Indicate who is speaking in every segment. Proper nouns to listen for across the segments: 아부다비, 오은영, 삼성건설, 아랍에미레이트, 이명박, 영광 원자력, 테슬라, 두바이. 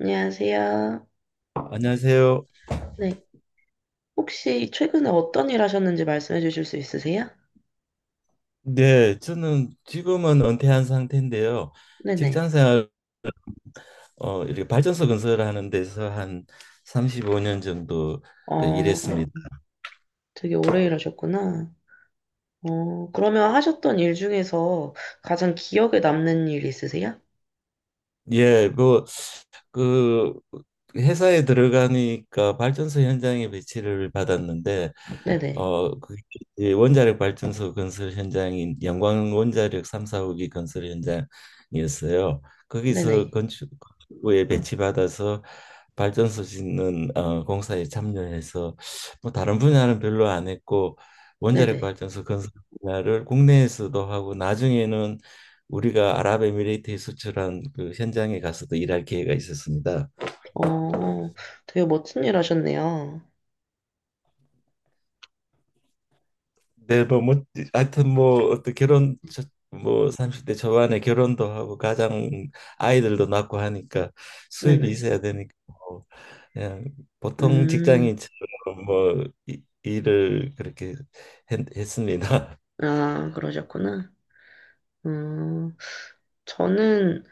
Speaker 1: 안녕하세요.
Speaker 2: 안녕하세요.
Speaker 1: 네. 혹시 최근에 어떤 일 하셨는지 말씀해 주실 수 있으세요?
Speaker 2: 네, 저는 지금은 은퇴한 상태인데요.
Speaker 1: 네네.
Speaker 2: 직장 생활 이렇게 발전소 건설하는 데서 한 35년 정도
Speaker 1: 어,
Speaker 2: 일했습니다.
Speaker 1: 되게 오래 일하셨구나. 그러면 하셨던 일 중에서 가장 기억에 남는 일 있으세요?
Speaker 2: 예, 뭐 그 회사에 들어가니까 발전소 현장에 배치를 받았는데
Speaker 1: 네네.
Speaker 2: 그 이제 원자력 발전소 건설 현장인 영광 원자력 3, 4호기 건설 현장이었어요. 거기서
Speaker 1: 네네.
Speaker 2: 건축부에 배치받아서 발전소 짓는 공사에 참여해서 뭐 다른 분야는 별로 안 했고 원자력
Speaker 1: 네네.
Speaker 2: 발전소 건설 분야를 국내에서도 하고 나중에는 우리가 아랍에미레이트에 수출한 그 현장에 가서도 일할 기회가 있었습니다.
Speaker 1: 어, 되게 멋진 일 하셨네요.
Speaker 2: 네, 뭐 하여튼 뭐 어떤 뭐 30대 초반에 결혼도 하고 가장 아이들도 낳고 하니까 수입이
Speaker 1: 네네.
Speaker 2: 있어야 되니까 뭐 그냥 보통
Speaker 1: 음,
Speaker 2: 직장인처럼 뭐 일을 그렇게 했습니다.
Speaker 1: 아, 그러셨구나. 음, 저는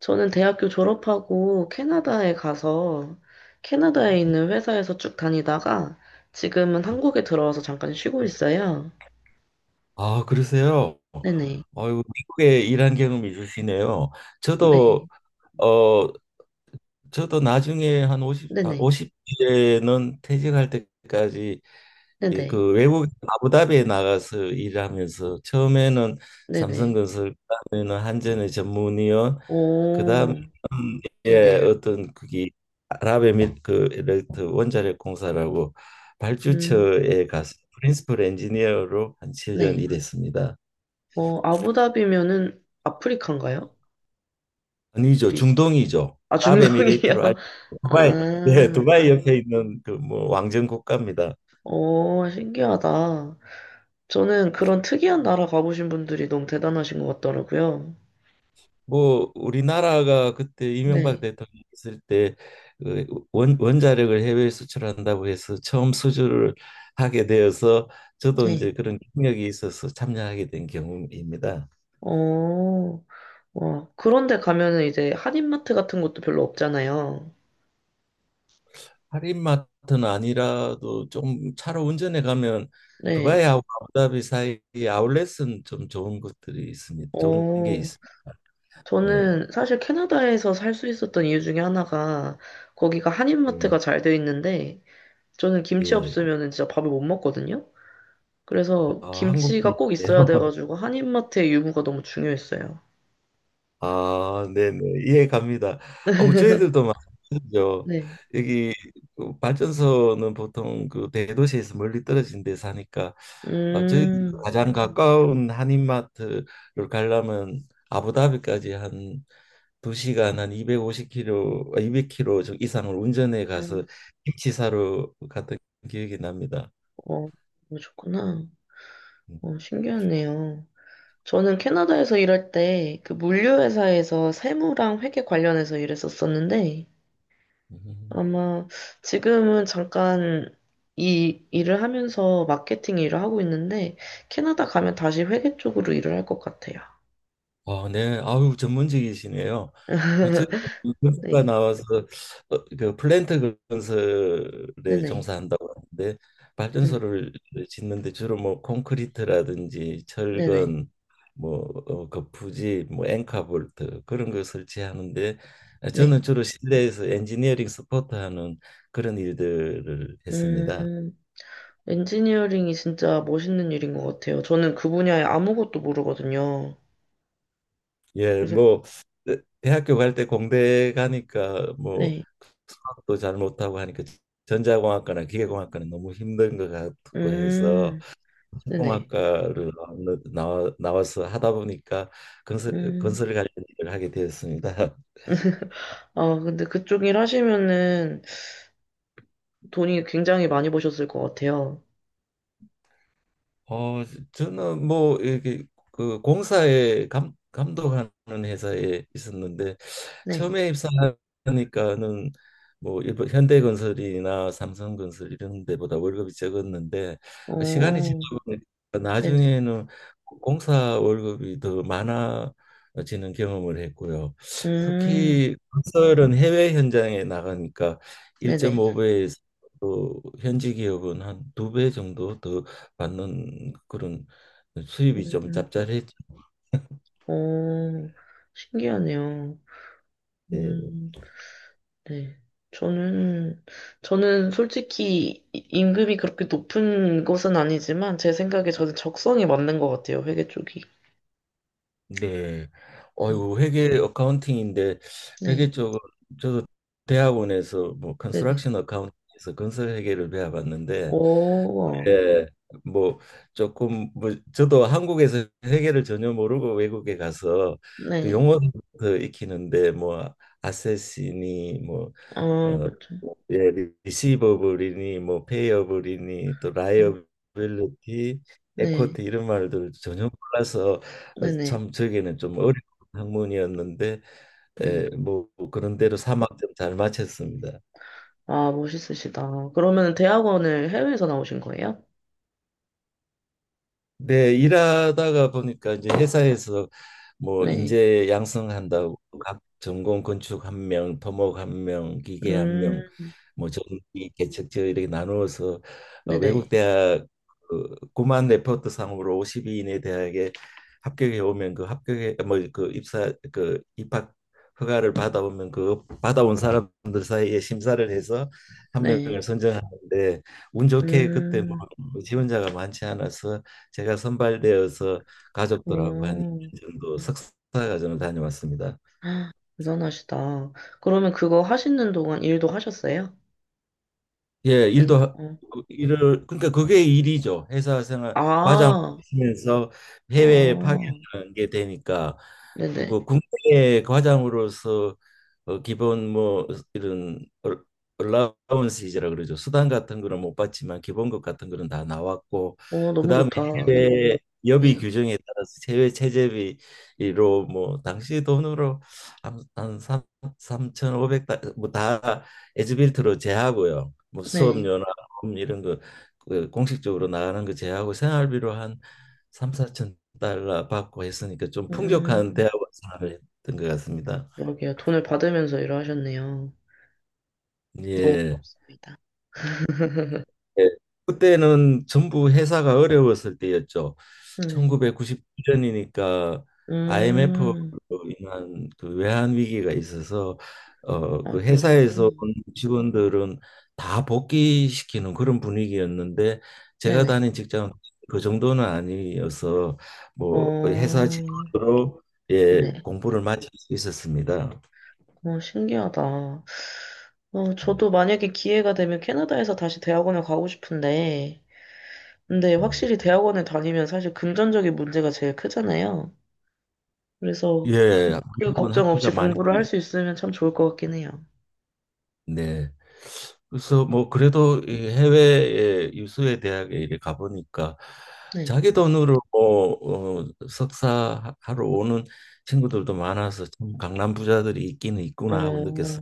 Speaker 1: 저는 대학교 졸업하고 캐나다에 가서 캐나다에 있는 회사에서 쭉 다니다가 지금은 한국에 들어와서 잠깐 쉬고 있어요.
Speaker 2: 아, 그러세요?
Speaker 1: 네네.
Speaker 2: 어유 미국에 일한 경험이 있으시네요. 저도
Speaker 1: 네.
Speaker 2: 어 저도 나중에 한 오십
Speaker 1: 네네.
Speaker 2: 50대는 퇴직할 때까지 이
Speaker 1: 네네.
Speaker 2: 그 외국 아부다비에 나가서 일하면서 처음에는
Speaker 1: 네네.
Speaker 2: 삼성건설, 그다음에는 한전의 전문위원, 그다음에
Speaker 1: 오.
Speaker 2: 예,
Speaker 1: 네네.
Speaker 2: 어떤 그게 아랍에미레이트 원자력 공사라고
Speaker 1: 음.
Speaker 2: 발주처에 가서 프린시플 엔지니어로 한 7년
Speaker 1: 네.
Speaker 2: 일했습니다.
Speaker 1: 어, 아부다비면은 아프리카인가요?
Speaker 2: 아니죠,
Speaker 1: 어디지?
Speaker 2: 중동이죠.
Speaker 1: 아,
Speaker 2: 아랍에미레이트로 알
Speaker 1: 중동이요.
Speaker 2: 두바이, 예,
Speaker 1: 아.
Speaker 2: 두바이 옆에 있는 그 뭐 왕정 국가입니다.
Speaker 1: 오, 신기하다. 저는 그런 특이한 나라 가보신 분들이 너무 대단하신 것 같더라고요.
Speaker 2: 뭐 우리나라가 그때 이명박
Speaker 1: 네.
Speaker 2: 대통령 있을 때 그 원자력을 해외에 수출한다고 해서 처음 수주를 하게 되어서 저도
Speaker 1: 네.
Speaker 2: 이제 그런 경력이 있어서 참여하게 된 경우입니다.
Speaker 1: 어, 와. 그런데 가면은 이제 한인마트 같은 것도 별로 없잖아요.
Speaker 2: 할인마트는 아니라도 좀 차로 운전해 가면
Speaker 1: 네.
Speaker 2: 두바이하고 아부다비 사이에 아울렛은 좀 좋은 것들이 있습니다. 좋은 게
Speaker 1: 어,
Speaker 2: 있습니다. 네.
Speaker 1: 저는 사실 캐나다에서 살 수 있었던 이유 중에 하나가 거기가
Speaker 2: 네.
Speaker 1: 한인마트가 잘 돼 있는데 저는 김치
Speaker 2: 예.
Speaker 1: 없으면은 진짜 밥을 못 먹거든요. 그래서
Speaker 2: 아,
Speaker 1: 김치가 꼭 있어야
Speaker 2: 한국이에요.
Speaker 1: 돼가지고 한인마트의 유무가 너무 중요했어요.
Speaker 2: 아, 네네. 이해 갑니다. 뭐 저희들도 마찬가지죠.
Speaker 1: 네.
Speaker 2: 여기 그 발전소는 보통 그 대도시에서 멀리 떨어진 데 사니까 아, 저희
Speaker 1: 음,
Speaker 2: 가장 가까운 한인마트를 가려면 아부다비까지 한 두시간한 250km, 아, 200km 이상을 운전해
Speaker 1: 어,
Speaker 2: 가서 김치 사러 갔던 기억이 납니다.
Speaker 1: 어, 그러셨구나. 어, 신기하네요. 저는 캐나다에서 일할 때 그 물류회사에서 세무랑 회계 관련해서 일했었었는데
Speaker 2: 음.
Speaker 1: 아마 지금은 잠깐 이 일을 하면서 마케팅 일을 하고 있는데 캐나다 가면 다시 회계 쪽으로 일을 할 것 같아요.
Speaker 2: 아, 네. 아유, 전문직이시네요. 뭐 저희 건설과
Speaker 1: 네,
Speaker 2: 나와서 그 플랜트 건설에
Speaker 1: 네네,
Speaker 2: 종사한다고 하는데
Speaker 1: 네네,
Speaker 2: 발전소를 짓는데 주로 뭐 콘크리트라든지
Speaker 1: 네네,
Speaker 2: 철근, 뭐 거푸집, 뭐 앵카볼트 그런 걸 설치하는데
Speaker 1: 네.
Speaker 2: 저는 주로 실내에서 엔지니어링 서포트하는 그런 일들을 했습니다.
Speaker 1: 음, 엔지니어링이 진짜 멋있는 일인 것 같아요. 저는 그 분야에 아무것도 모르거든요.
Speaker 2: 예,
Speaker 1: 그래서,
Speaker 2: 뭐 대학교 갈 때 공대 가니까 뭐
Speaker 1: 네,
Speaker 2: 수학도 잘 못하고 하니까 전자공학과나 기계공학과는 너무 힘든 것 같고 해서
Speaker 1: 음, 네네,
Speaker 2: 공학과를 나와서 하다 보니까 건설
Speaker 1: 음.
Speaker 2: 건설 관련 일을 하게 되었습니다.
Speaker 1: 아, 근데 그쪽 일 하시면은 돈이 굉장히 많이 버셨을 것 같아요.
Speaker 2: 어, 저는 뭐 이렇게 그 공사에 감독하는 회사에 있었는데
Speaker 1: 네.
Speaker 2: 처음에 입사하니까는 뭐 일본 현대건설이나 삼성건설 이런 데보다 월급이 적었는데 시간이
Speaker 1: 어,
Speaker 2: 지나보니
Speaker 1: 네네.
Speaker 2: 나중에는 공사 월급이 더 많아지는 경험을 했고요.
Speaker 1: 음,
Speaker 2: 특히 건설은 해외 현장에 나가니까
Speaker 1: 네네.
Speaker 2: 1.5배에서 또 현지 기업은 한 두 배 정도 더 받는 그런 수입이 좀
Speaker 1: 음,
Speaker 2: 짭짤했지.
Speaker 1: 어, 신기하네요. 음, 네. 저는, 저는 솔직히 임금이 그렇게 높은 것은 아니지만 제 생각에 저는 적성이 맞는 것 같아요. 회계 쪽이.
Speaker 2: 네.
Speaker 1: 예.
Speaker 2: 어유 회계 어카운팅인데
Speaker 1: 네.
Speaker 2: 회계 쪽은 저도 대학원에서 뭐
Speaker 1: 네네.
Speaker 2: 컨스트럭션 어카운팅에서 건설 회계를 배워봤는데
Speaker 1: 오,
Speaker 2: 예, 뭐 조금 뭐 저도 한국에서 회계를 전혀 모르고 외국에 가서 그
Speaker 1: 네.
Speaker 2: 용어부터 익히는데 뭐 아세시니 뭐
Speaker 1: 아,
Speaker 2: 어,
Speaker 1: 그렇죠.
Speaker 2: 예, 리시버블이니 뭐 페이어블이니 또
Speaker 1: 음,
Speaker 2: 라이어빌리티,
Speaker 1: 네.
Speaker 2: 에쿼티 이런 말들 전혀 몰라서
Speaker 1: 네네.
Speaker 2: 참 저에게는 좀 어려운 학문이었는데 예,
Speaker 1: 네.
Speaker 2: 뭐 그런 대로 3학점 잘 마쳤습니다.
Speaker 1: 아, 멋있으시다. 그러면 대학원을 해외에서 나오신 거예요?
Speaker 2: 네, 일하다가 보니까 이제 회사에서 뭐
Speaker 1: 네.
Speaker 2: 인재 양성한다고 각 전공 건축 한 명, 토목 한 명, 기계 한 명,
Speaker 1: 음,
Speaker 2: 뭐 전기 개척저 이렇게 나누어서 외국
Speaker 1: 네네.
Speaker 2: 대학 그 구만 레포트 상으로 5 2위 이내 대학에 합격해 오면 그 합격해 뭐그 입사 그 입학 허가를 받아오면 그 받아온 사람들 사이에 심사를 해서 한
Speaker 1: 네.
Speaker 2: 명을 선정하는데 운 좋게 그때 뭐
Speaker 1: 음,
Speaker 2: 지원자가 많지 않아서 제가 선발되어서 가족들하고 한
Speaker 1: 오.
Speaker 2: 그 정도 석사 과정을 다녀왔습니다.
Speaker 1: 아, 대단하시다. 그러면 그거 하시는 동안 일도 하셨어요?
Speaker 2: 예,
Speaker 1: 아니, 어.
Speaker 2: 일을 그러니까 그게 일이죠. 회사 생활 과장
Speaker 1: 아,
Speaker 2: 하시면서 해외에
Speaker 1: 아.
Speaker 2: 파견하는 게 되니까
Speaker 1: 네네.
Speaker 2: 그 국내 과장으로서 기본 뭐 이런 얼라운스이라 그러죠. 수당 같은 거는 못 받지만 기본급 같은 거는 다 나왔고
Speaker 1: 어, 너무
Speaker 2: 그다음에
Speaker 1: 좋다.
Speaker 2: 해외 여비
Speaker 1: 네.
Speaker 2: 규정에 따라서 해외 체제비로 뭐 당시 돈으로 한 3, 삼5 오백 달러 뭐다 에즈빌트로 제하고요. 뭐
Speaker 1: 네.
Speaker 2: 수업료나 이런 거그 공식적으로 나가는 거 제하고 생활비로 한 3, 4천 달러 받고 했으니까 좀 풍족한
Speaker 1: 음,
Speaker 2: 대학원 생활을 했던 것 같습니다.
Speaker 1: 그러게요. 돈을 받으면서 일을 하셨네요. 너무
Speaker 2: 예.
Speaker 1: 부럽습니다.
Speaker 2: 예. 그때는 전부 회사가 어려웠을 때였죠.
Speaker 1: 네.
Speaker 2: 1999년이니까 IMF로
Speaker 1: 음,
Speaker 2: 인한 그 외환 위기가 있어서
Speaker 1: 아,
Speaker 2: 그
Speaker 1: 그러셨구나.
Speaker 2: 회사에서 온 직원들은 다 복귀시키는 그런 분위기였는데 제가
Speaker 1: 네네.
Speaker 2: 다닌 직장은 그 정도는 아니어서 뭐
Speaker 1: 어,
Speaker 2: 회사 직원으로 예,
Speaker 1: 네네.
Speaker 2: 공부를 마칠 수 있었습니다.
Speaker 1: 어, 신기하다. 어, 저도 만약에 기회가 되면 캐나다에서 다시 대학원을 가고 싶은데, 근데 확실히 대학원을 다니면 사실 금전적인 문제가 제일 크잖아요. 그래서
Speaker 2: 예,
Speaker 1: 그
Speaker 2: 미국은
Speaker 1: 걱정 없이
Speaker 2: 학비가 많이
Speaker 1: 공부를 할 수 있으면 참 좋을 것 같긴 해요.
Speaker 2: 네. 그래서 뭐 그래도 이 해외에 유수의 대학에 이렇게 가보니까
Speaker 1: 네.
Speaker 2: 자기 돈으로 뭐 석사하러 오는 친구들도 많아서 참 강남 부자들이 있기는 있구나 하고 느꼈어요.
Speaker 1: 어,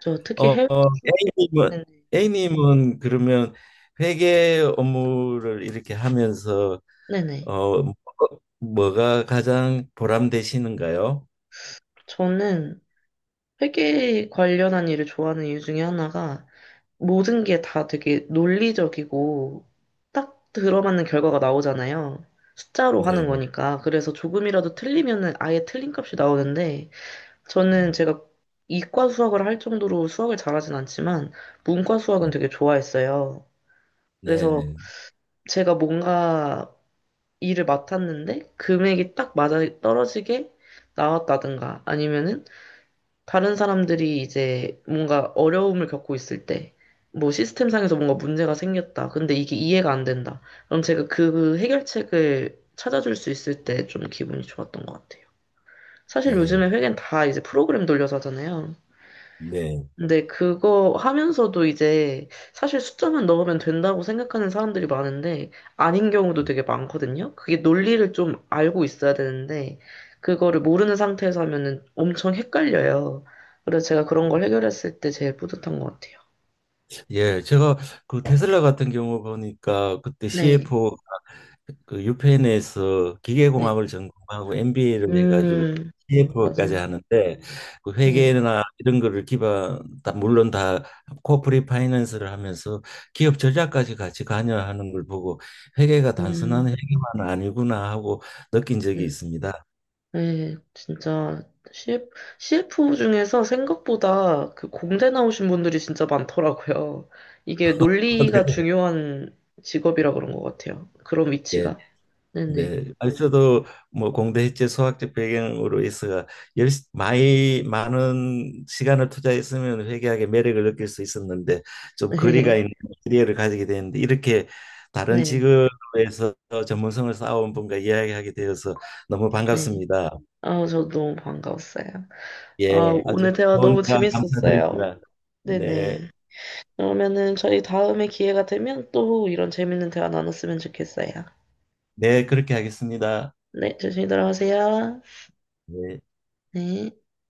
Speaker 1: 저 특히
Speaker 2: 어, 어,
Speaker 1: 해외에서,
Speaker 2: A님은
Speaker 1: 네네.
Speaker 2: A님은 그러면 회계 업무를 이렇게 하면서
Speaker 1: 네네.
Speaker 2: 어 뭐- 뭐가 가장 보람되시는가요?
Speaker 1: 저는 회계 관련한 일을 좋아하는 이유 중에 하나가 모든 게 다 되게 논리적이고 딱 들어맞는 결과가 나오잖아요. 숫자로 하는
Speaker 2: 네.
Speaker 1: 거니까. 그래서 조금이라도 틀리면은 아예 틀린 값이 나오는데 저는 제가 이과 수학을 할 정도로 수학을 잘하진 않지만 문과 수학은 되게 좋아했어요.
Speaker 2: 네,
Speaker 1: 그래서
Speaker 2: 네. 네.
Speaker 1: 제가 뭔가 일을 맡았는데 금액이 딱 맞아 떨어지게 나왔다든가 아니면은 다른 사람들이 이제 뭔가 어려움을 겪고 있을 때, 뭐 시스템상에서 뭔가 문제가 생겼다. 근데 이게 이해가 안 된다. 그럼 제가 그 해결책을 찾아줄 수 있을 때 좀 기분이 좋았던 것 같아요. 사실
Speaker 2: 예.
Speaker 1: 요즘에 회계는 다 이제 프로그램 돌려서 하잖아요.
Speaker 2: 네.
Speaker 1: 근데 그거 하면서도 이제 사실 숫자만 넣으면 된다고 생각하는 사람들이 많은데 아닌 경우도 되게 많거든요. 그게 논리를 좀 알고 있어야 되는데 그거를 모르는 상태에서 하면은 엄청 헷갈려요. 그래서 제가 그런 걸 해결했을 때 제일 뿌듯한 것 같아요.
Speaker 2: 예, 제가 그 테슬라 같은 경우 보니까 그때
Speaker 1: 네,
Speaker 2: CFO 그 유펜에서
Speaker 1: 네.
Speaker 2: 기계공학을 전공하고 MBA를 해가지고
Speaker 1: 음,
Speaker 2: CFO까지
Speaker 1: 맞아요.
Speaker 2: 하는데 그
Speaker 1: 네,
Speaker 2: 회계나 이런 거를 기반 다 물론 다 코퍼리 파이낸스를 하면서 기업 전략까지 같이 관여하는 걸 보고 회계가 단순한
Speaker 1: 음,
Speaker 2: 회계만 아니구나 하고 느낀 적이
Speaker 1: 네.
Speaker 2: 있습니다.
Speaker 1: 네, 진짜 CF, CF 중에서 생각보다 그 공대 나오신 분들이 진짜 많더라고요. 이게 논리가 중요한 직업이라 그런 것 같아요. 그런
Speaker 2: 네. 예.
Speaker 1: 위치가. 네네.
Speaker 2: 네, 아니 저도 뭐 공대 해체 수학적 배경으로 해서 열 많이 많은 시간을 투자했으면 회계학의 매력을 느낄 수 있었는데 좀 거리가
Speaker 1: 네,
Speaker 2: 있는 캐리어를 가지게 되는데 이렇게 다른
Speaker 1: 네,
Speaker 2: 직업에서 전문성을 쌓아온 분과 이야기하게 되어서 너무
Speaker 1: 네.
Speaker 2: 반갑습니다.
Speaker 1: 아, 저 너무 반가웠어요.
Speaker 2: 예,
Speaker 1: 아,
Speaker 2: 아주
Speaker 1: 오늘 대화
Speaker 2: 좋은
Speaker 1: 너무
Speaker 2: 대화
Speaker 1: 재밌었어요.
Speaker 2: 감사드립니다. 네,
Speaker 1: 네네. 그러면은 저희 다음에 기회가 되면 또 이런 재밌는 대화 나눴으면 좋겠어요.
Speaker 2: 네 그렇게 하겠습니다.
Speaker 1: 네, 조심히 들어가세요.
Speaker 2: 네.
Speaker 1: 네.